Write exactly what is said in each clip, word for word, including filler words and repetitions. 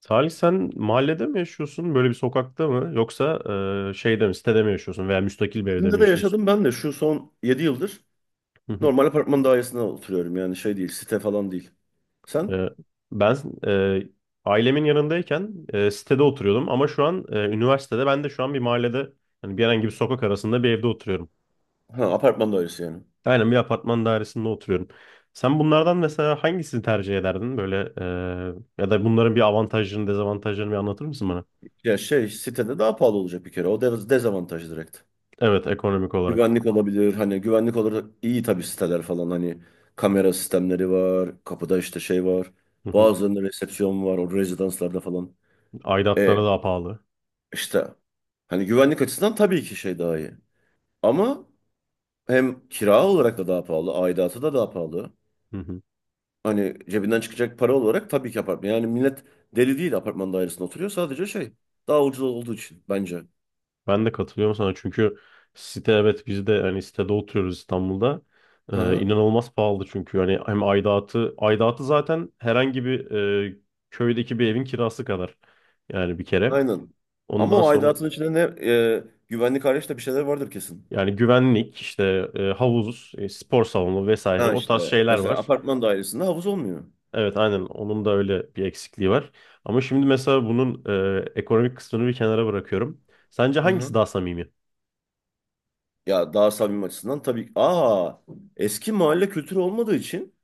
Salih sen mahallede mi yaşıyorsun? Böyle bir sokakta mı? Yoksa e, şeyde mi, sitede mi yaşıyorsun veya müstakil bir evde mi İkisinde de yaşıyorsun? yaşadım ben de şu son yedi yıldır Hı hı. normal apartman dairesinde oturuyorum yani şey değil site falan değil. Sen? E, Ben e, ailemin yanındayken e, sitede oturuyordum ama şu an e, üniversitede ben de şu an bir mahallede hani bir herhangi bir sokak arasında bir evde oturuyorum. Ha apartman dairesi yani. Aynen bir apartman dairesinde oturuyorum. Sen bunlardan mesela hangisini tercih ederdin? Böyle e, ya da bunların bir avantajlarını, dezavantajlarını bir anlatır mısın bana? Ya şey sitede daha pahalı olacak bir kere o de- dezavantaj direkt. Evet, ekonomik olarak. Güvenlik olabilir hani güvenlik olarak iyi tabii siteler falan hani kamera sistemleri var kapıda işte şey var Hı hı. bazılarında resepsiyon var o rezidanslarda falan. E Aidatları daha pahalı. işte hani güvenlik açısından tabii ki şey daha iyi ama hem kira olarak da daha pahalı aidatı da daha pahalı. Hani cebinden çıkacak para olarak tabii ki apartman. Yani millet deli değil apartman dairesinde oturuyor. Sadece şey daha ucuz olduğu için bence. Ben de katılıyorum sana çünkü site evet biz de hani sitede oturuyoruz İstanbul'da. Hı Ee, hı. inanılmaz pahalı çünkü hani hem aidatı aidatı zaten herhangi bir e, köydeki bir evin kirası kadar yani bir kere. Aynen. Ama Ondan o sonra aidatın içinde ne e, güvenlik hariç de bir şeyler vardır kesin. yani güvenlik işte e, havuz, e, spor salonu vesaire Ha o tarz işte şeyler mesela var. apartman dairesinde havuz olmuyor. Evet aynen onun da öyle bir eksikliği var. Ama şimdi mesela bunun e, ekonomik kısmını bir kenara bırakıyorum. Sence Hı hangisi hı. daha samimi? Ya daha samimi açısından tabii. Aa eski mahalle kültürü olmadığı için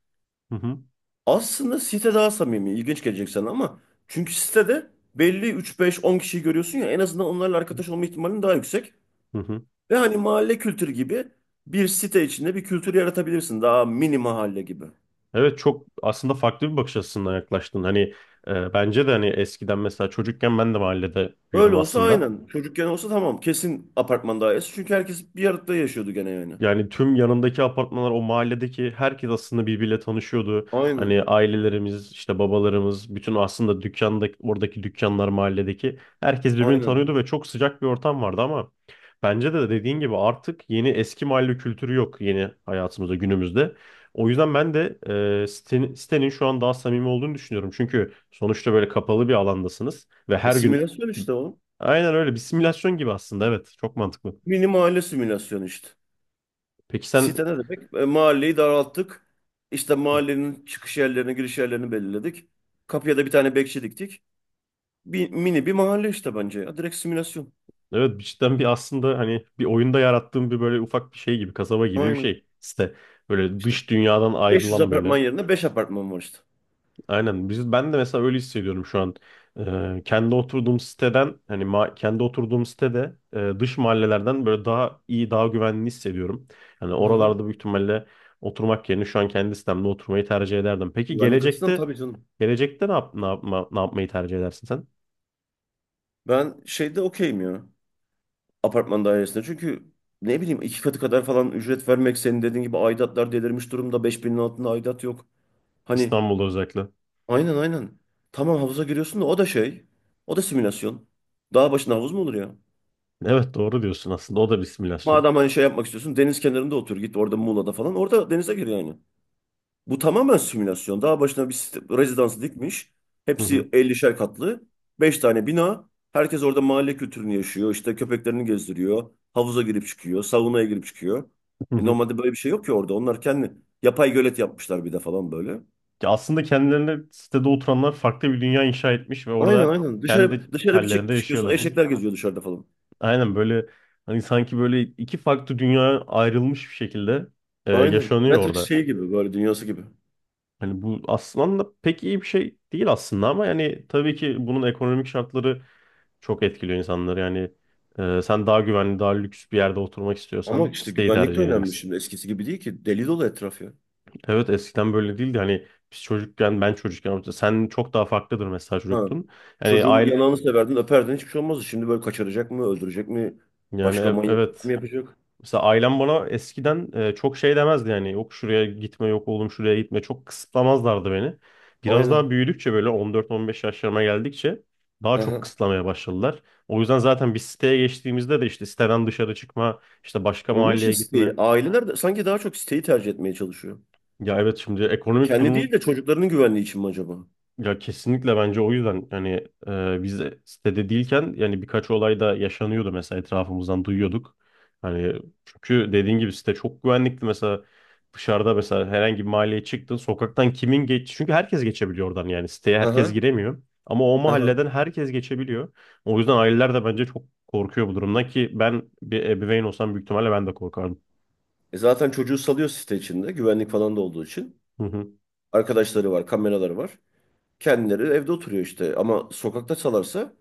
Hı hı. aslında site daha samimi. İlginç gelecek sana ama çünkü sitede belli üç beş on kişiyi görüyorsun ya en azından onlarla arkadaş olma ihtimalin daha yüksek. Hı hı. Ve hani mahalle kültürü gibi bir site içinde bir kültür yaratabilirsin. Daha mini mahalle gibi. Evet çok aslında farklı bir bakış açısından yaklaştın. Hani e, bence de hani eskiden mesela çocukken ben de mahallede büyüdüm Öyle olsa aslında. aynen. Çocukken olsa tamam. Kesin apartman dairesi. Çünkü herkes bir arada yaşıyordu gene yani. Yani tüm yanındaki apartmanlar o mahalledeki herkes aslında birbiriyle tanışıyordu. Aynen. Hani ailelerimiz işte babalarımız bütün aslında dükkanda oradaki dükkanlar mahalledeki herkes birbirini Aynen. tanıyordu ve çok sıcak bir ortam vardı ama bence de dediğin gibi artık yeni eski mahalle kültürü yok yeni hayatımızda günümüzde. O yüzden ben de e, sitenin, sitenin şu an daha samimi olduğunu düşünüyorum. Çünkü sonuçta böyle kapalı bir alandasınız ve E her gün simülasyon işte oğlum. aynen öyle bir simülasyon gibi aslında evet çok mantıklı. Mini mahalle simülasyonu işte. Peki sen Site ne demek? E, mahalleyi daralttık. İşte mahallenin çıkış yerlerini, giriş yerlerini belirledik. Kapıya da bir tane bekçi diktik. Bir, mini bir mahalle işte bence ya. Direkt simülasyon. Evet cidden bir aslında hani bir oyunda yarattığım bir böyle ufak bir şey gibi kasaba gibi bir Aynen. şey. İşte böyle İşte dış dünyadan beş yüz ayrılan apartman böyle. yerine beş apartman var işte. Aynen biz ben de mesela öyle hissediyorum şu an. Ee, kendi oturduğum siteden hani ma- kendi oturduğum sitede e, dış mahallelerden böyle daha iyi daha güvenli hissediyorum. Hani Aha. oralarda büyük ihtimalle oturmak yerine şu an kendi sitemde oturmayı tercih ederdim. Peki Güvenlik açısından gelecekte tabii canım. Gelecekte ne yap, ne yapma, ne yapmayı tercih edersin sen? Ben şeyde okeyim ya. Apartman dairesinde. Çünkü ne bileyim iki katı kadar falan ücret vermek senin dediğin gibi aidatlar delirmiş durumda. Beş binin altında aidat yok. Hani İstanbul'da özellikle. aynen aynen. Tamam havuza giriyorsun da o da şey. O da simülasyon. Dağ başında havuz mu olur ya? Evet doğru diyorsun aslında. O da bir simülasyon. Madem hani şey yapmak istiyorsun deniz kenarında otur git orada Muğla'da falan. Orada denize gir yani. Bu tamamen simülasyon. Daha başına bir site- rezidansı dikmiş. Hı hı, Hepsi ellişer katlı. Beş tane bina. Herkes orada mahalle kültürünü yaşıyor. İşte köpeklerini gezdiriyor. Havuza girip çıkıyor. Saunaya girip çıkıyor. hı E hı. normalde böyle bir şey yok ki orada. Onlar kendi yapay gölet yapmışlar bir de falan böyle. Ya aslında kendilerine sitede oturanlar farklı bir dünya inşa etmiş ve Aynen orada aynen. kendi Dışarı dışarı bir hallerinde çık çıkıyorsun yaşıyorlar değil mi? eşekler geziyor dışarıda falan. Aynen böyle hani sanki böyle iki farklı dünya ayrılmış bir şekilde e, Aynen. yaşanıyor Matrix orada. şey gibi böyle dünyası gibi. Hani bu aslında pek iyi bir şey değil aslında ama yani tabii ki bunun ekonomik şartları çok etkiliyor insanları. Yani e, sen daha güvenli, daha lüks bir yerde oturmak Ama istiyorsan işte siteyi güvenlik de tercih önemli edeceksin. şimdi. Eskisi gibi değil ki. Deli dolu etraf ya. Evet eskiden böyle değildi. Hani biz çocukken, ben çocukken, sen çok daha farklıdır mesela Ha. çocuktun. Yani Çocuğun aile, yanağını severdin, öperdin hiçbir şey olmazdı. Şimdi böyle kaçıracak mı, öldürecek mi, yani başka e- manyaklık evet. mı yapacak? Mesela ailem bana eskiden e, çok şey demezdi yani yok şuraya gitme yok oğlum şuraya gitme çok kısıtlamazlardı beni. Biraz daha Aynen. büyüdükçe böyle on dört on beş yaşlarıma geldikçe daha Hı çok hı. kısıtlamaya başladılar. O yüzden zaten bir siteye geçtiğimizde de işte siteden dışarı çıkma, işte başka Onun için mahalleye siteyi, gitme. aileler de sanki daha çok siteyi tercih etmeye çalışıyor. Ya evet şimdi ekonomik Kendi durumu değil de çocuklarının güvenliği için mi acaba? Ya kesinlikle bence o yüzden yani e, biz de sitede değilken yani birkaç olay da yaşanıyordu mesela etrafımızdan duyuyorduk. Hani çünkü dediğin gibi site çok güvenlikti mesela dışarıda mesela herhangi bir mahalleye çıktın sokaktan kimin geç çünkü herkes geçebiliyor oradan yani siteye Hı herkes hı. giremiyor ama o Hı hı. mahalleden herkes geçebiliyor. O yüzden aileler de bence çok korkuyor bu durumdan ki ben bir ebeveyn olsam büyük ihtimalle ben de korkardım. E zaten çocuğu salıyor site içinde, güvenlik falan da olduğu için. Arkadaşları var, kameraları var. Kendileri evde oturuyor işte. Ama sokakta salarsa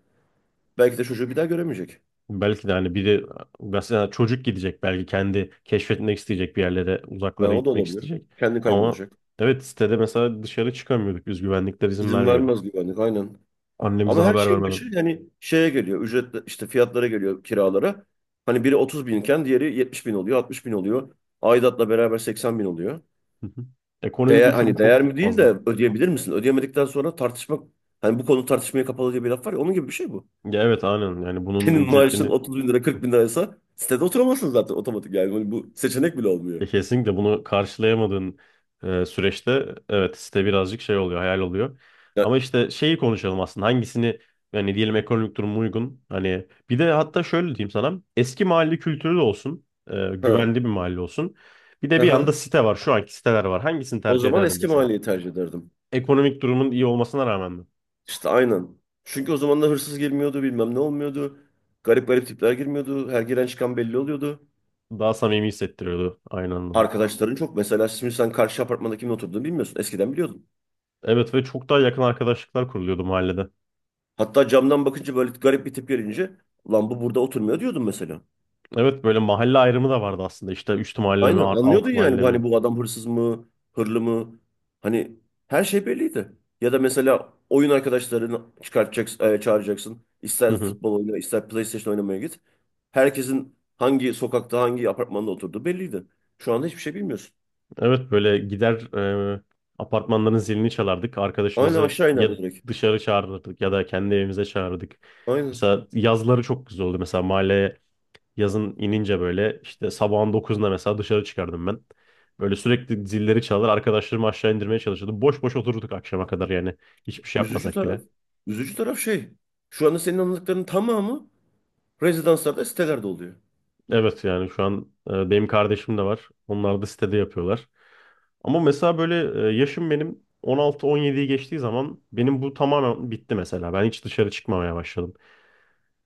belki de çocuğu bir daha göremeyecek. Belki de hani biri mesela çocuk gidecek belki kendi keşfetmek isteyecek bir yerlere Ha, uzaklara o da gitmek olabilir. isteyecek. Kendi Ama kaybolacak. evet sitede mesela dışarı çıkamıyorduk biz güvenlikler izin İzin vermiyordu. vermez güvenlik, aynen. Annemize Ama her haber şeyin vermeden. başı yani şeye geliyor. Ücret işte fiyatlara geliyor kiralara. Hani biri otuz binken diğeri yetmiş bin oluyor, altmış bin oluyor. Aidatla beraber seksen bin oluyor. Hı hı. Ekonomik Değer, uçurum hani çok değer mi değil de fazla. ödeyebilir misin? Ödeyemedikten sonra tartışmak hani bu konu tartışmaya kapalı diye bir laf var ya onun gibi bir şey bu. Ya evet aynen yani bunun Senin maaşın ücretini. otuz bin lira kırk bin liraysa sitede oturamazsın zaten otomatik yani. Hani bu seçenek bile olmuyor. E, Kesinlikle bunu karşılayamadığın e, süreçte evet site birazcık şey oluyor, hayal oluyor. Ama Ya, işte şeyi konuşalım aslında hangisini yani diyelim ekonomik durum uygun. Hani bir de hatta şöyle diyeyim sana eski mahalle kültürü de olsun, e, ha, güvenli bir mahalle olsun. Bir de ha, bir yanda ha. site var, şu anki siteler var. Hangisini O tercih zaman ederdin eski mesela? mahalleyi tercih ederdim. Ekonomik durumun iyi olmasına rağmen mi? İşte aynen. Çünkü o zamanlar hırsız girmiyordu, bilmem ne olmuyordu. Garip garip tipler girmiyordu. Her giren çıkan belli oluyordu. Daha samimi hissettiriyordu aynı anlamda. Arkadaşların çok. Mesela şimdi sen karşı apartmanda kimin oturduğunu bilmiyorsun. Eskiden biliyordun. Evet ve çok daha yakın arkadaşlıklar kuruluyordu mahallede. Hatta camdan bakınca böyle garip bir tip gelince lan bu burada oturmuyor diyordun mesela. Evet böyle mahalle ayrımı da vardı aslında. İşte üst mahalle mi, Aynen anlıyordun alt yani mahalle bu hani mi? bu adam hırsız mı, hırlı mı? Hani her şey belliydi. Ya da mesela oyun arkadaşlarını çıkartacaksın, e, çağıracaksın. İster futbol oyna, ister PlayStation oynamaya git. Herkesin hangi sokakta, hangi apartmanda oturduğu belliydi. Şu anda hiçbir şey bilmiyorsun. Evet böyle gider e, apartmanların zilini çalardık. Aynen Arkadaşımızı aşağı ya inerdi direkt. dışarı çağırırdık ya da kendi evimize çağırırdık. Aynen. Mesela yazları çok güzel oldu. Mesela mahalleye yazın inince böyle işte sabahın dokuzunda mesela dışarı çıkardım ben. Böyle sürekli zilleri çalar arkadaşlarımı aşağı indirmeye çalışırdım. Boş boş otururduk akşama kadar yani hiçbir şey Üzücü yapmasak taraf, bile. üzücü taraf şey. Şu anda senin anlattıklarının tamamı rezidanslarda, sitelerde oluyor. Evet yani şu an e, benim kardeşim de var. Onlar da sitede yapıyorlar. Ama mesela böyle e, yaşım benim on altı on yediyi geçtiği zaman benim bu tamamen bitti mesela. Ben hiç dışarı çıkmamaya başladım.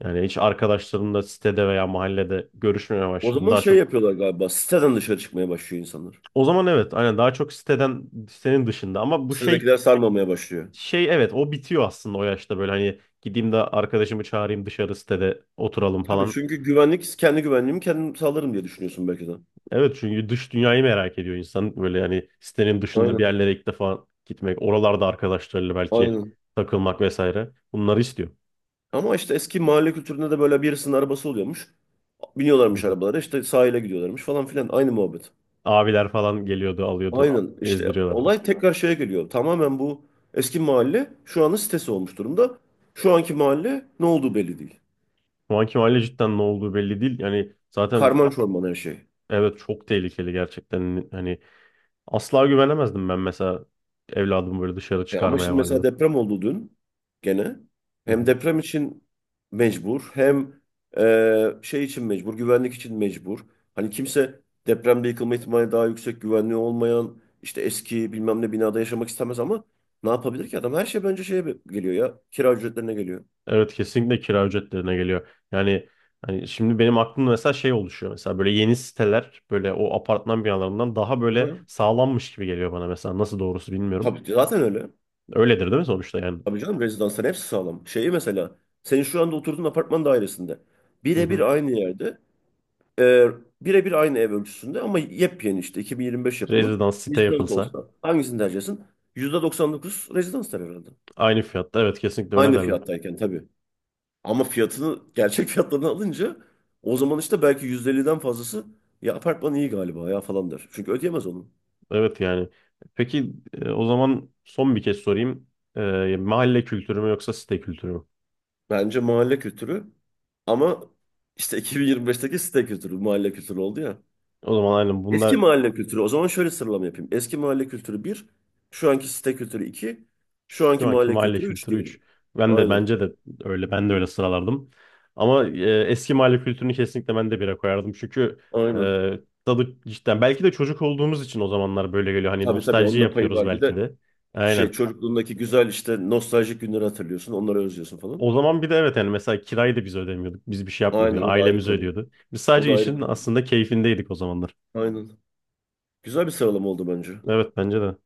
Yani hiç arkadaşlarımla sitede veya mahallede görüşmemeye O başladım. zaman Daha şey çok yapıyorlar galiba. Siteden dışarı çıkmaya başlıyor insanlar. o zaman evet aynen daha çok siteden sitenin dışında ama bu şey Sitedekiler sarmamaya başlıyor. şey evet o bitiyor aslında o yaşta böyle hani gideyim de arkadaşımı çağırayım dışarı sitede oturalım Tabii falan. çünkü güvenlik, kendi güvenliğimi kendim sağlarım diye düşünüyorsun belki de. Evet çünkü dış dünyayı merak ediyor insan. Böyle yani sitenin dışında bir Aynen, yerlere ilk defa gitmek, oralarda arkadaşlarıyla belki aynen. takılmak vesaire. Bunları istiyor. Ama işte eski mahalle kültüründe de böyle birisinin arabası oluyormuş. Hı Biniyorlarmış hı. arabalara işte sahile gidiyorlarmış falan filan. Aynı muhabbet. Abiler falan geliyordu, alıyordu, Aynen işte gezdiriyorlardı. olay tekrar şeye geliyor. Tamamen bu eski mahalle şu anın sitesi olmuş durumda. Şu anki mahalle ne olduğu belli değil. Şu anki mahalle cidden ne olduğu belli değil. Yani zaten Karman çorman her şey. evet çok tehlikeli gerçekten. Hani asla güvenemezdim ben mesela evladımı böyle dışarı E ama çıkarmaya şimdi mesela mahalleden. deprem oldu dün gene. Hı Hem hı. deprem için mecbur hem e, şey için mecbur, güvenlik için mecbur. Hani kimse depremde yıkılma ihtimali daha yüksek, güvenliği olmayan işte eski bilmem ne binada yaşamak istemez ama ne yapabilir ki adam? Her şey bence şeye geliyor ya, kira ücretlerine geliyor. Evet kesinlikle kira ücretlerine geliyor. Yani hani şimdi benim aklımda mesela şey oluşuyor. Mesela böyle yeni siteler böyle o apartman binalarından daha böyle Hı. sağlammış gibi geliyor bana mesela. Nasıl doğrusu bilmiyorum. Tabii ki, zaten öyle. Öyledir değil mi sonuçta yani? Tabii canım rezidansların hepsi sağlam. Şeyi mesela senin şu anda oturduğun apartman dairesinde Hı birebir hı. aynı yerde Ee, birebir aynı ev ölçüsünde ama yepyeni işte iki bin yirmi beş yapımı. Rezidans site Rezidans yapılsa olsa hangisini tercih edersin? yüzde doksan dokuz rezidans der herhalde. aynı fiyatta evet kesinlikle öyle Aynı derler. fiyattayken tabii. Ama fiyatını gerçek fiyatlarını alınca o zaman işte belki yüzde elliden fazlası ya apartman iyi galiba ya falan der. Çünkü ödeyemez onu. Evet yani. Peki e, o zaman son bir kez sorayım. E, mahalle kültürü mü yoksa site kültürü mü? Bence mahalle kültürü ama işte iki bin yirmi beşteki site kültürü mahalle kültürü oldu ya. O zaman aynen Eski bunda mahalle kültürü. O zaman şöyle sıralama yapayım. Eski mahalle kültürü bir, şu anki site kültürü iki, şu Şu anki anki mahalle mahalle kültürü üç kültürü üç. diyelim. Ben de Aynen, bence de öyle ben de öyle sıralardım. Ama e, eski mahalle kültürünü kesinlikle ben de bire koyardım. Çünkü e, aynen. tadı cidden belki de çocuk olduğumuz için o zamanlar böyle geliyor. Hani Tabii tabii nostalji onun da payı yapıyoruz var. Bir belki de de. şey Aynen. çocukluğundaki güzel işte nostaljik günleri hatırlıyorsun, onları özlüyorsun falan. O zaman bir de evet yani mesela kirayı da biz ödemiyorduk. Biz bir şey yapmıyorduk. Aynen Yani o da ayrı ailemiz konu. ödüyordu. Biz O sadece da ayrı işin konu. aslında keyfindeydik o zamanlar. Aynen. Güzel bir sıralama oldu bence. Evet bence de.